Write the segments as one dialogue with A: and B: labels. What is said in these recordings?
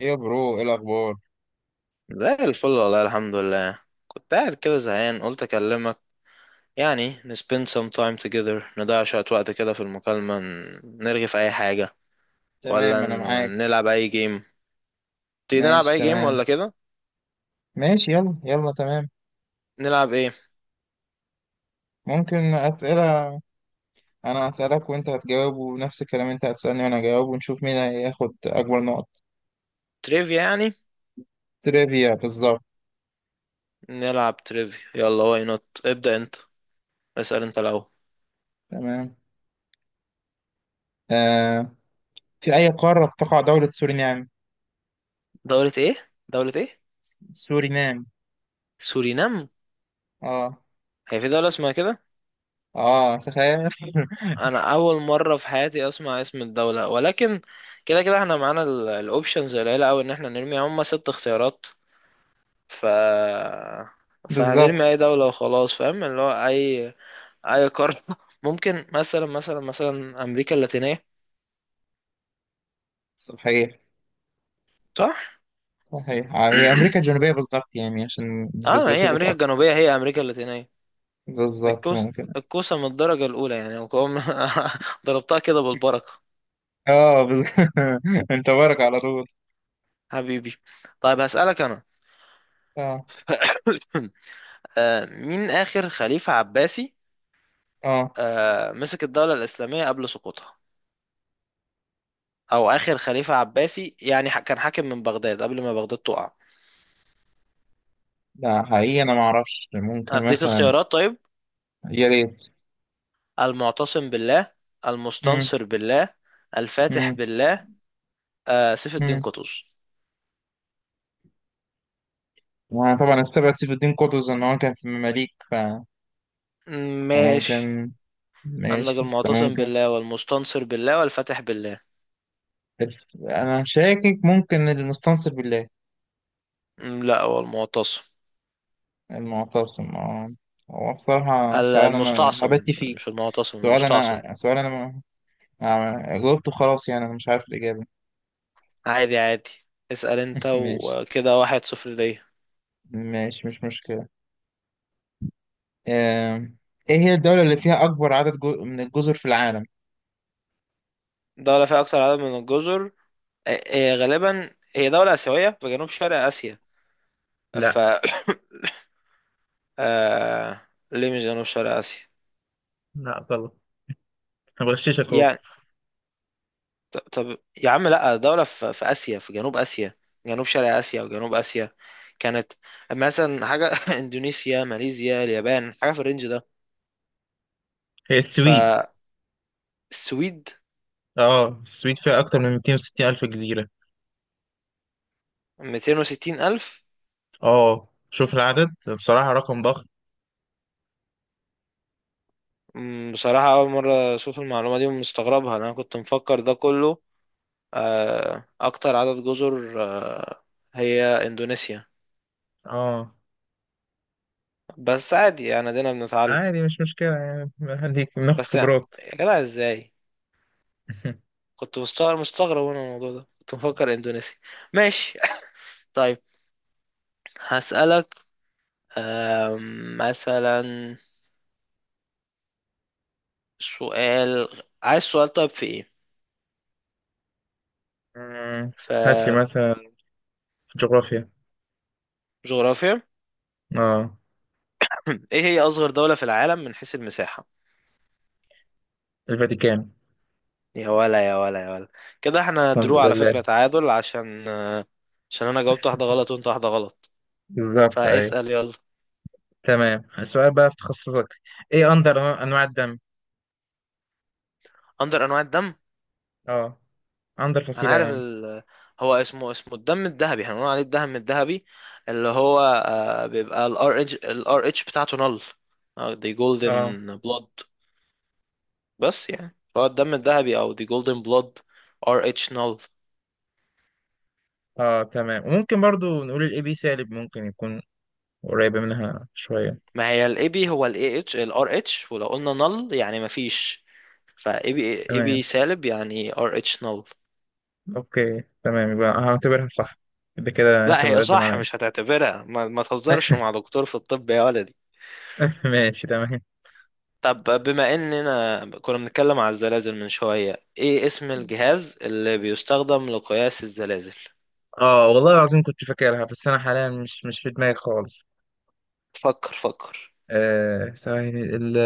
A: ايه يا برو، ايه الاخبار؟
B: زي الفل والله الحمد لله. كنت قاعد كده زهقان قلت اكلمك. يعني ن spend some time together، نضيع شوية وقت كده في المكالمة، نرغي في اي حاجة، ولا
A: تمام، انا معاك.
B: نلعب اي جيم. تيجي نلعب
A: ماشي
B: اي جيم
A: تمام.
B: ولا كده؟
A: ماشي، يلا يلا تمام.
B: نلعب ايه؟
A: ممكن اسئله؟ انا هسالك وانت هتجاوب، ونفس الكلام، انت هتسالني وانا هجاوب، ونشوف مين هياخد اكبر نقط.
B: تريفيا يعني.
A: تريفيا بالظبط.
B: نلعب تريفيا، يلا. واي نوت؟ ابدأ انت، اسأل انت الاول.
A: تمام. آه في اي قاره تقع دوله سورينام؟
B: دولة ايه؟ دولة ايه؟
A: سورينام.
B: سورينام؟
A: اه.
B: هي في دولة اسمها كده؟
A: اه، تخيل.
B: انا اول مرة في حياتي اسمع اسم الدولة، ولكن كده كده احنا معانا. الاوبشنز قليله قوي، ان احنا نرمي هم ست اختيارات، ف فهنرمي
A: بالظبط.
B: اي دولة وخلاص، فاهم، اللي هو اي اي قارة. ممكن مثلا امريكا اللاتينية.
A: صحيح.
B: صح.
A: صحيح، هي امريكا الجنوبيه بالظبط، يعني عشان
B: اه، ما هي
A: سبيسيفيك
B: امريكا
A: اكتر.
B: الجنوبية هي امريكا اللاتينية.
A: بالظبط،
B: الكوسة،
A: ممكن.
B: الكوسة من الدرجة الاولى يعني، ضربتها كده بالبركة.
A: اه، بالظبط. انت بارك على طول.
B: حبيبي. طيب هسألك انا.
A: آه.
B: مين اخر خليفة عباسي،
A: اه،
B: مسك الدولة الاسلامية قبل سقوطها، او اخر خليفة عباسي يعني، كان حاكم من بغداد قبل ما بغداد تقع.
A: لا حقيقي انا ما اعرفش، ممكن
B: اديك
A: مثلا.
B: اختيارات طيب؟
A: يا ريت.
B: المعتصم بالله،
A: مم.
B: المستنصر بالله، الفاتح
A: مم.
B: بالله، سيف الدين
A: مم.
B: قطز.
A: وانا طبعا استبعد سيف الدين قطز ان هو كان في المماليك
B: مم، ماشي.
A: فممكن.
B: عندك
A: ماشي،
B: المعتصم
A: فممكن.
B: بالله والمستنصر بالله والفاتح بالله.
A: انا شاكك، ممكن المستنصر بالله.
B: مم، لا، هو المعتصم.
A: المعتصم، اه. هو بصراحة سؤال انا هبت
B: المستعصم،
A: فيه.
B: مش المعتصم،
A: سؤال
B: المستعصم.
A: انا سؤال انا ما... آه، جاوبته خلاص، يعني انا مش عارف الاجابة.
B: عادي عادي. اسأل انت،
A: ماشي.
B: وكده واحد صفر ليا.
A: ماشي، مش مشكلة. آم، ايه هي الدولة اللي فيها اكبر عدد من الجزر في العالم؟
B: دولة فيها أكتر عدد من الجزر؟ غالبا هي دولة آسيوية في جنوب شرق آسيا. ف
A: لا.
B: آه... ليه مش جنوب شرق آسيا؟
A: لا، غلط. انا بغششك اهو.
B: يعني طب يا عم، لا، دولة في آسيا، في جنوب آسيا. جنوب شرق آسيا وجنوب آسيا كانت مثلا حاجة، إندونيسيا، ماليزيا، اليابان، حاجة في الرينج ده.
A: هي السويد.
B: فالسويد.
A: اه، السويد فيها اكتر من 260 الف جزيرة.
B: 260 ألف؟
A: اه، شوف العدد. بصراحة رقم ضخم.
B: مم، بصراحة أول مرة أشوف المعلومة دي ومستغربها، لأن أنا كنت مفكر ده كله، أكتر عدد جزر هي إندونيسيا.
A: اه،
B: بس عادي يعني، دينا بنتعلم.
A: عادي، مش مشكلة، يعني هديك ناخد
B: بس يا
A: خبرات.
B: جدع، إزاي؟ كنت مستغرب مستغرب، وأنا الموضوع ده كنت مفكر إندونيسيا. ماشي. طيب هسألك. مثلا، سؤال، عايز سؤال. طيب في ايه؟
A: مم. هات لي
B: في
A: مثلا. جغرافيا.
B: جغرافيا.
A: اه.
B: ايه هي اصغر دولة في العالم من حيث المساحة؟
A: الفاتيكان.
B: يا ولا، يا ولا، يا ولا. كده احنا
A: الحمد
B: درو على
A: لله.
B: فكرة، تعادل، عشان انا جاوبت واحدة غلط وانت واحدة غلط.
A: بالظبط، اي.
B: فاسأل، يلا.
A: تمام، السؤال بقى في تخصصك. ايه اندر انواع الدم؟
B: اندر انواع الدم؟
A: اه. اندر
B: انا
A: فصيلة،
B: عارف
A: يعني.
B: هو اسمه الدم الذهبي، احنا بنقول عليه الدم الذهبي، اللي هو، بيبقى الار اتش بتاعته نل، دي
A: اه
B: جولدن بلود. بس يعني هو الدم الذهبي او دي جولدن بلود، ار اتش نل.
A: اه تمام، وممكن برضو نقول الاي بي سالب ممكن يكون قريبة منها شوية.
B: ما هي الاي بي، هو الاي اتش الار اتش، ولو قلنا نل يعني ما فيش. فاي بي، اي
A: تمام،
B: بي سالب يعني ار اتش نل.
A: اوكي، تمام، يبقى هعتبرها صح. ده كده انت
B: لا، هي
A: متقدم
B: صح،
A: عليا.
B: مش هتعتبرها، ما تهزرش مع دكتور في الطب يا ولدي.
A: ماشي تمام.
B: طب، بما اننا كنا بنتكلم على الزلازل من شوية، ايه اسم الجهاز اللي بيستخدم لقياس الزلازل؟
A: اه، والله العظيم، كنت فاكرها بس انا حاليا مش في دماغي خالص.
B: فكر فكر.
A: ثواني. ال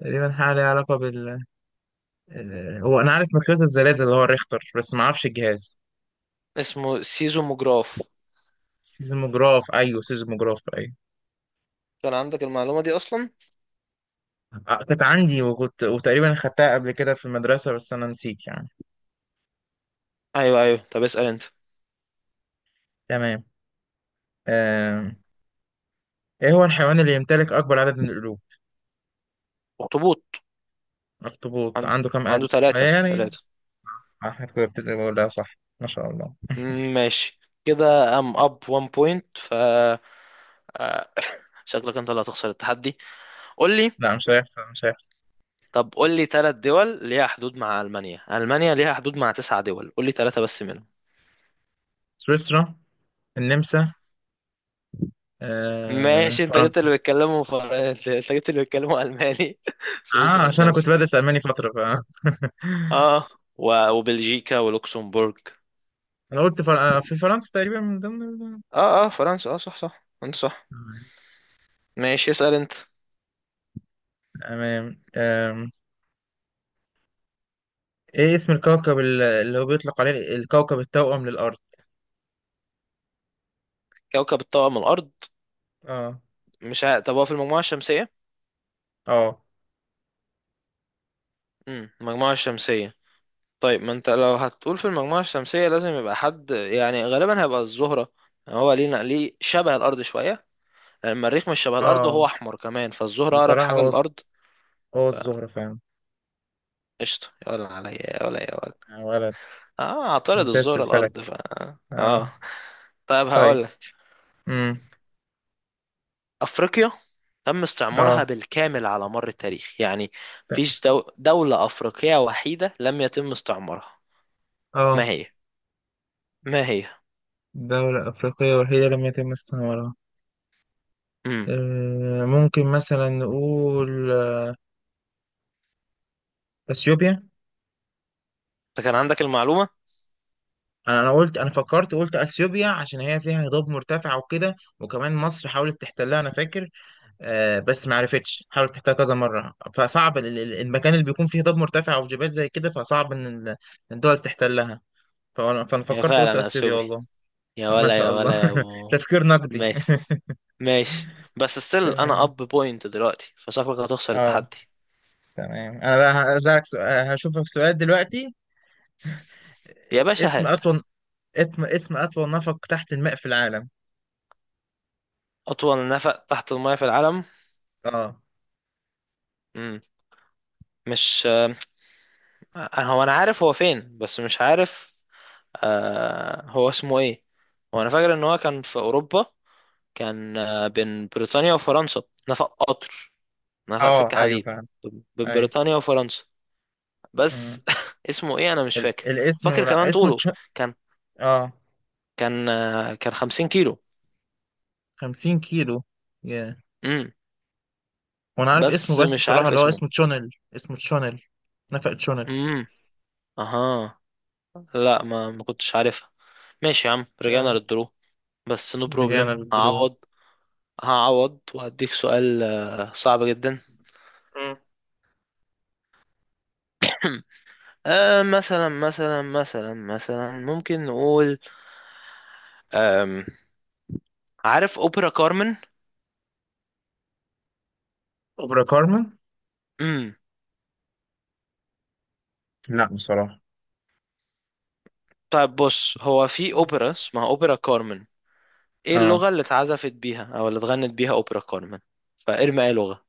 A: تقريبا حاجه ليها علاقه هو انا عارف مقياس الزلازل اللي هو الريختر، بس ما اعرفش الجهاز.
B: اسمه سيزوموجراف.
A: سيزموجراف، ايوه، سيزموجراف، ايوه.
B: كان عندك المعلومة دي اصلا؟
A: كانت عندي، وكنت وتقريبا خدتها قبل كده في المدرسه، بس انا نسيت يعني.
B: ايوه ايوه. طب اسأل انت.
A: تمام. آه. ايه هو الحيوان اللي يمتلك اكبر عدد من القلوب؟
B: اخطبوط.
A: اخطبوط
B: عن...
A: عنده كام
B: عنده
A: قلب؟
B: ثلاثة
A: يعني
B: ثلاثة
A: احنا كنا بتبقى بقولها صح، ما شاء الله.
B: مم، ماشي. كده ام اب 1 بوينت، آه، شكلك انت اللي هتخسر التحدي. قول لي،
A: لا، مش هيحصل، مش هيحصل.
B: طب قول لي ثلاث دول ليها حدود مع المانيا. المانيا ليها حدود مع تسع دول، قول لي ثلاثة بس منهم.
A: سويسرا، النمسا،
B: ماشي،
A: فرنسا.
B: انت جبت اللي بيتكلموا الماني.
A: اه،
B: سويسرا،
A: عشان انا كنت
B: النمسا.
A: بدرس الماني فتره
B: اه، وبلجيكا ولوكسمبورغ.
A: انا قلت فر... آه، في فرنسا تقريبا من ضمن
B: اه اه، فرنسا، اه، صح صح، انت صح. ماشي، اسأل انت.
A: تمام. آم، ايه اسم الكوكب اللي هو بيطلق عليه الكوكب التوأم للارض؟
B: كوكب الطاقم الارض؟
A: اه
B: مش طب هو في المجموعة الشمسية؟
A: اه
B: المجموعة الشمسية. طيب، ما انت لو هتقول في المجموعة الشمسية لازم يبقى حد يعني غالبا هيبقى الزهرة. يعني هو ليه شبه الأرض شوية، لأن المريخ مش شبه الأرض وهو
A: اه
B: أحمر كمان، فالزهرة أقرب
A: بصراحه،
B: حاجة للأرض.
A: هو الزهره فعلا.
B: فقشطة يا ولا، عليا يا ولا يا ولا.
A: يا ولد.
B: اه، اعترض،
A: ممتاز في
B: الزهرة
A: الفلك.
B: الأرض.
A: اه.
B: اه. طيب
A: طيب.
B: هقولك.
A: امم.
B: أفريقيا تم استعمارها
A: اه
B: بالكامل على مر التاريخ يعني، مفيش دولة أفريقية وحيدة لم يتم استعمارها. ما
A: اه
B: هي؟ ما هي؟
A: دولة أفريقية وحيدة لم يتم استعمارها.
B: امم
A: ممكن مثلا نقول، أثيوبيا.
B: انت كان عندك المعلومة.
A: أنا قلت، أنا فكرت قلت أثيوبيا عشان هي فيها هضاب مرتفع وكده، وكمان مصر حاولت تحتلها أنا فاكر. بس ما عرفتش، حاولت تحتلها كذا مرة، فصعب المكان اللي بيكون فيه هضاب مرتفع أو جبال زي كده، فصعب إن الدول تحتلها. فأنا
B: هي
A: فكرت قلت
B: فعلا
A: أثيوبيا،
B: أثيوبيا.
A: والله.
B: يا
A: ما
B: ولا،
A: شاء
B: يا
A: الله.
B: ولا يا ابو.
A: تفكير نقدي.
B: ماشي ماشي، بس ستيل انا
A: تمام.
B: اب بوينت دلوقتي، فشكلك هتخسر
A: اه،
B: التحدي.
A: تمام. انا بقى هسألك سؤال، هشوفك سؤال دلوقتي.
B: يا باشا
A: اسم
B: هات.
A: أطول اسم أطول نفق تحت الماء في العالم.
B: اطول نفق تحت المايه في العالم؟
A: اه
B: مم. مش، هو انا عارف هو فين بس مش عارف، هو اسمه ايه. هو انا فاكر ان هو كان في اوروبا، كان بين بريطانيا وفرنسا، نفق قطر، نفق
A: اه
B: سكة
A: ايوه،
B: حديد
A: فاهم.
B: بين
A: ايوه.
B: بريطانيا وفرنسا.
A: مم.
B: بس اسمه ايه انا مش فاكر.
A: الاسم،
B: فاكر
A: لا،
B: كمان
A: اسمه
B: طوله، كان
A: اه،
B: كان 50 كيلو.
A: 50 كيلو. yeah.
B: مم.
A: وانا عارف اسمه،
B: بس
A: بس
B: مش
A: بصراحة،
B: عارف
A: اللي هو
B: اسمه.
A: اسمه تشونل. اسمه تشونل. نفق تشونل.
B: امم اها. لا، ما كنتش عارفها. ماشي يا عم، رجعنا
A: تمام.
B: للدرو. بس نو
A: رجعنا
B: بروبلم،
A: للدرو.
B: هعوض. هعوض وهديك سؤال صعب جدا.
A: مم.
B: مثلا ممكن نقول. آم عارف اوبرا كارمن؟
A: أوبرا كارمن.
B: امم
A: لا، بصراحة.
B: طيب بص، هو في اوبرا اسمها اوبرا كارمن، ايه
A: اه،
B: اللغة اللي اتعزفت بيها او اللي اتغنت بيها اوبرا كارمن؟ فارمي اي لغة؟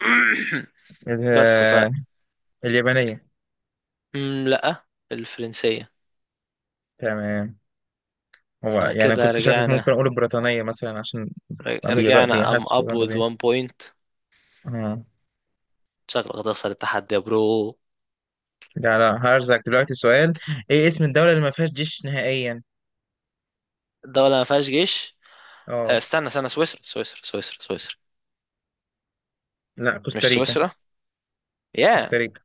B: بس
A: ال- اليابانية.
B: مم، لا، الفرنسية.
A: تمام. هو يعني
B: فكده
A: كنت شاكك،
B: رجعنا،
A: ممكن أقول البريطانية مثلا عشان
B: رجعنا ام
A: بيحس،
B: اب
A: بيغنوا
B: وذ وان
A: بيه.
B: بوينت.
A: اه،
B: شكلك هتخسر التحدي يا برو.
A: لا لا، هرزك دلوقتي سؤال. ايه اسم الدولة اللي ما فيهاش جيش نهائيا؟
B: الدولة ما فيهاش جيش؟
A: اه.
B: استنى استنى، سويسرا سويسرا سويسرا سويسرا.
A: لا،
B: مش
A: كوستاريكا.
B: سويسرا؟ يا،
A: كوستاريكا.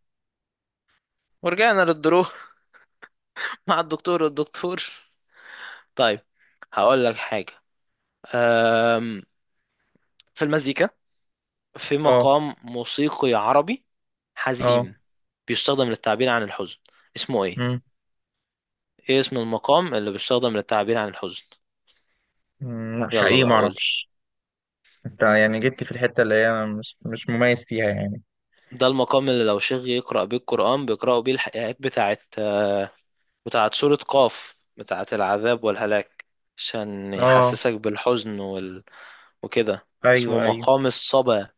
B: ورجعنا للدرو. مع الدكتور والدكتور. طيب هقول لك حاجة. أم، في المزيكا، في
A: اه.
B: مقام موسيقي عربي
A: اه.
B: حزين، بيستخدم للتعبير عن الحزن، اسمه ايه؟
A: امم.
B: ايه اسم المقام اللي بيستخدم للتعبير عن الحزن؟
A: لا
B: يلا
A: حقيقي
B: بقى
A: ما
B: قول.
A: اعرفش. انت يعني جبت في الحتة اللي هي أنا مش مميز فيها يعني.
B: ده المقام اللي لو شيخ يقرأ بيه القرآن بيقرأوا بيه الآيات بتاعت سورة قاف، بتاعت العذاب والهلاك، عشان
A: اه،
B: يحسسك بالحزن وكده. اسمه
A: ايوه ايوه.
B: مقام الصبا.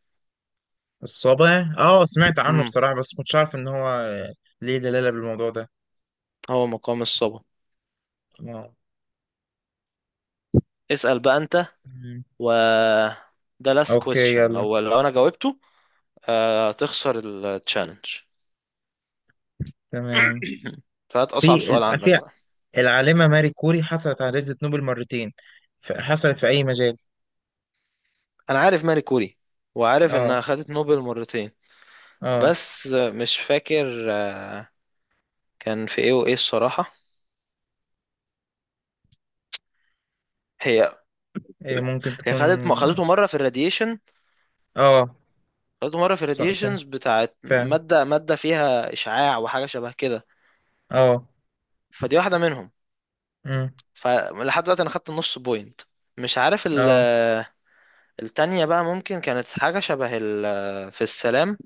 A: الصابع، سمعت عنه
B: امم
A: بصراحة، بس كنتش عارف ان هو ليه دلالة بالموضوع ده.
B: هو مقام الصبا.
A: اه.
B: اسأل بقى انت.
A: أمم،
B: و ده last
A: اوكي،
B: question،
A: يلا،
B: لو انا جاوبته تخسر التشالنج.
A: تمام.
B: فهات اصعب
A: في ال-
B: سؤال عندك
A: في
B: بقى.
A: العالمة ماري كوري حصلت على جائزة نوبل مرتين. حصلت في اي مجال؟
B: انا عارف ماري كوري، وعارف
A: اه
B: انها خدت نوبل مرتين،
A: اه
B: بس مش فاكر كان في ايه وايه الصراحة. هي
A: هي ممكن
B: هي
A: تكون.
B: خدت، ما خدته مره في الراديشن،
A: اه،
B: خدته مره في
A: فاهم،
B: الراديشنز بتاعت
A: فاهم.
B: ماده ماده فيها اشعاع وحاجه شبه كده.
A: اه.
B: فدي واحده منهم.
A: أمم.
B: فلحد دلوقتي انا خدت نص بوينت، مش عارف
A: اه،
B: التانية. بقى ممكن كانت حاجة شبه في السلام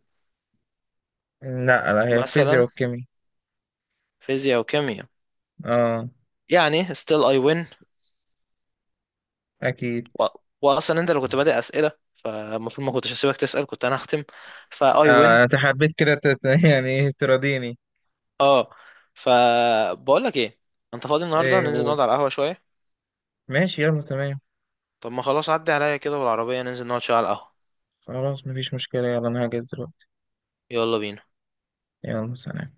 A: لا لا، هي الفيزياء
B: مثلا.
A: والكيمياء.
B: فيزياء وكيمياء؟
A: اه،
B: يعني still I win.
A: اكيد.
B: و... وأصلا أنت اللي كنت بادئ أسئلة، فالمفروض ما كنتش هسيبك تسأل، كنت أنا هختم. فا I
A: آه
B: win.
A: انا تحبيت كده يعني ايه، تراضيني.
B: اه. فبقول لك إيه، أنت فاضي النهاردة؟
A: ايه،
B: ننزل
A: قول.
B: نقعد على القهوة شوية.
A: ماشي، يلا، تمام.
B: طب ما خلاص، عدي عليا كده بالعربية، ننزل نقعد شوية على القهوة.
A: خلاص، مفيش مشكلة، يلا انا هجهز دلوقتي.
B: يلا بينا.
A: يلا، سلام.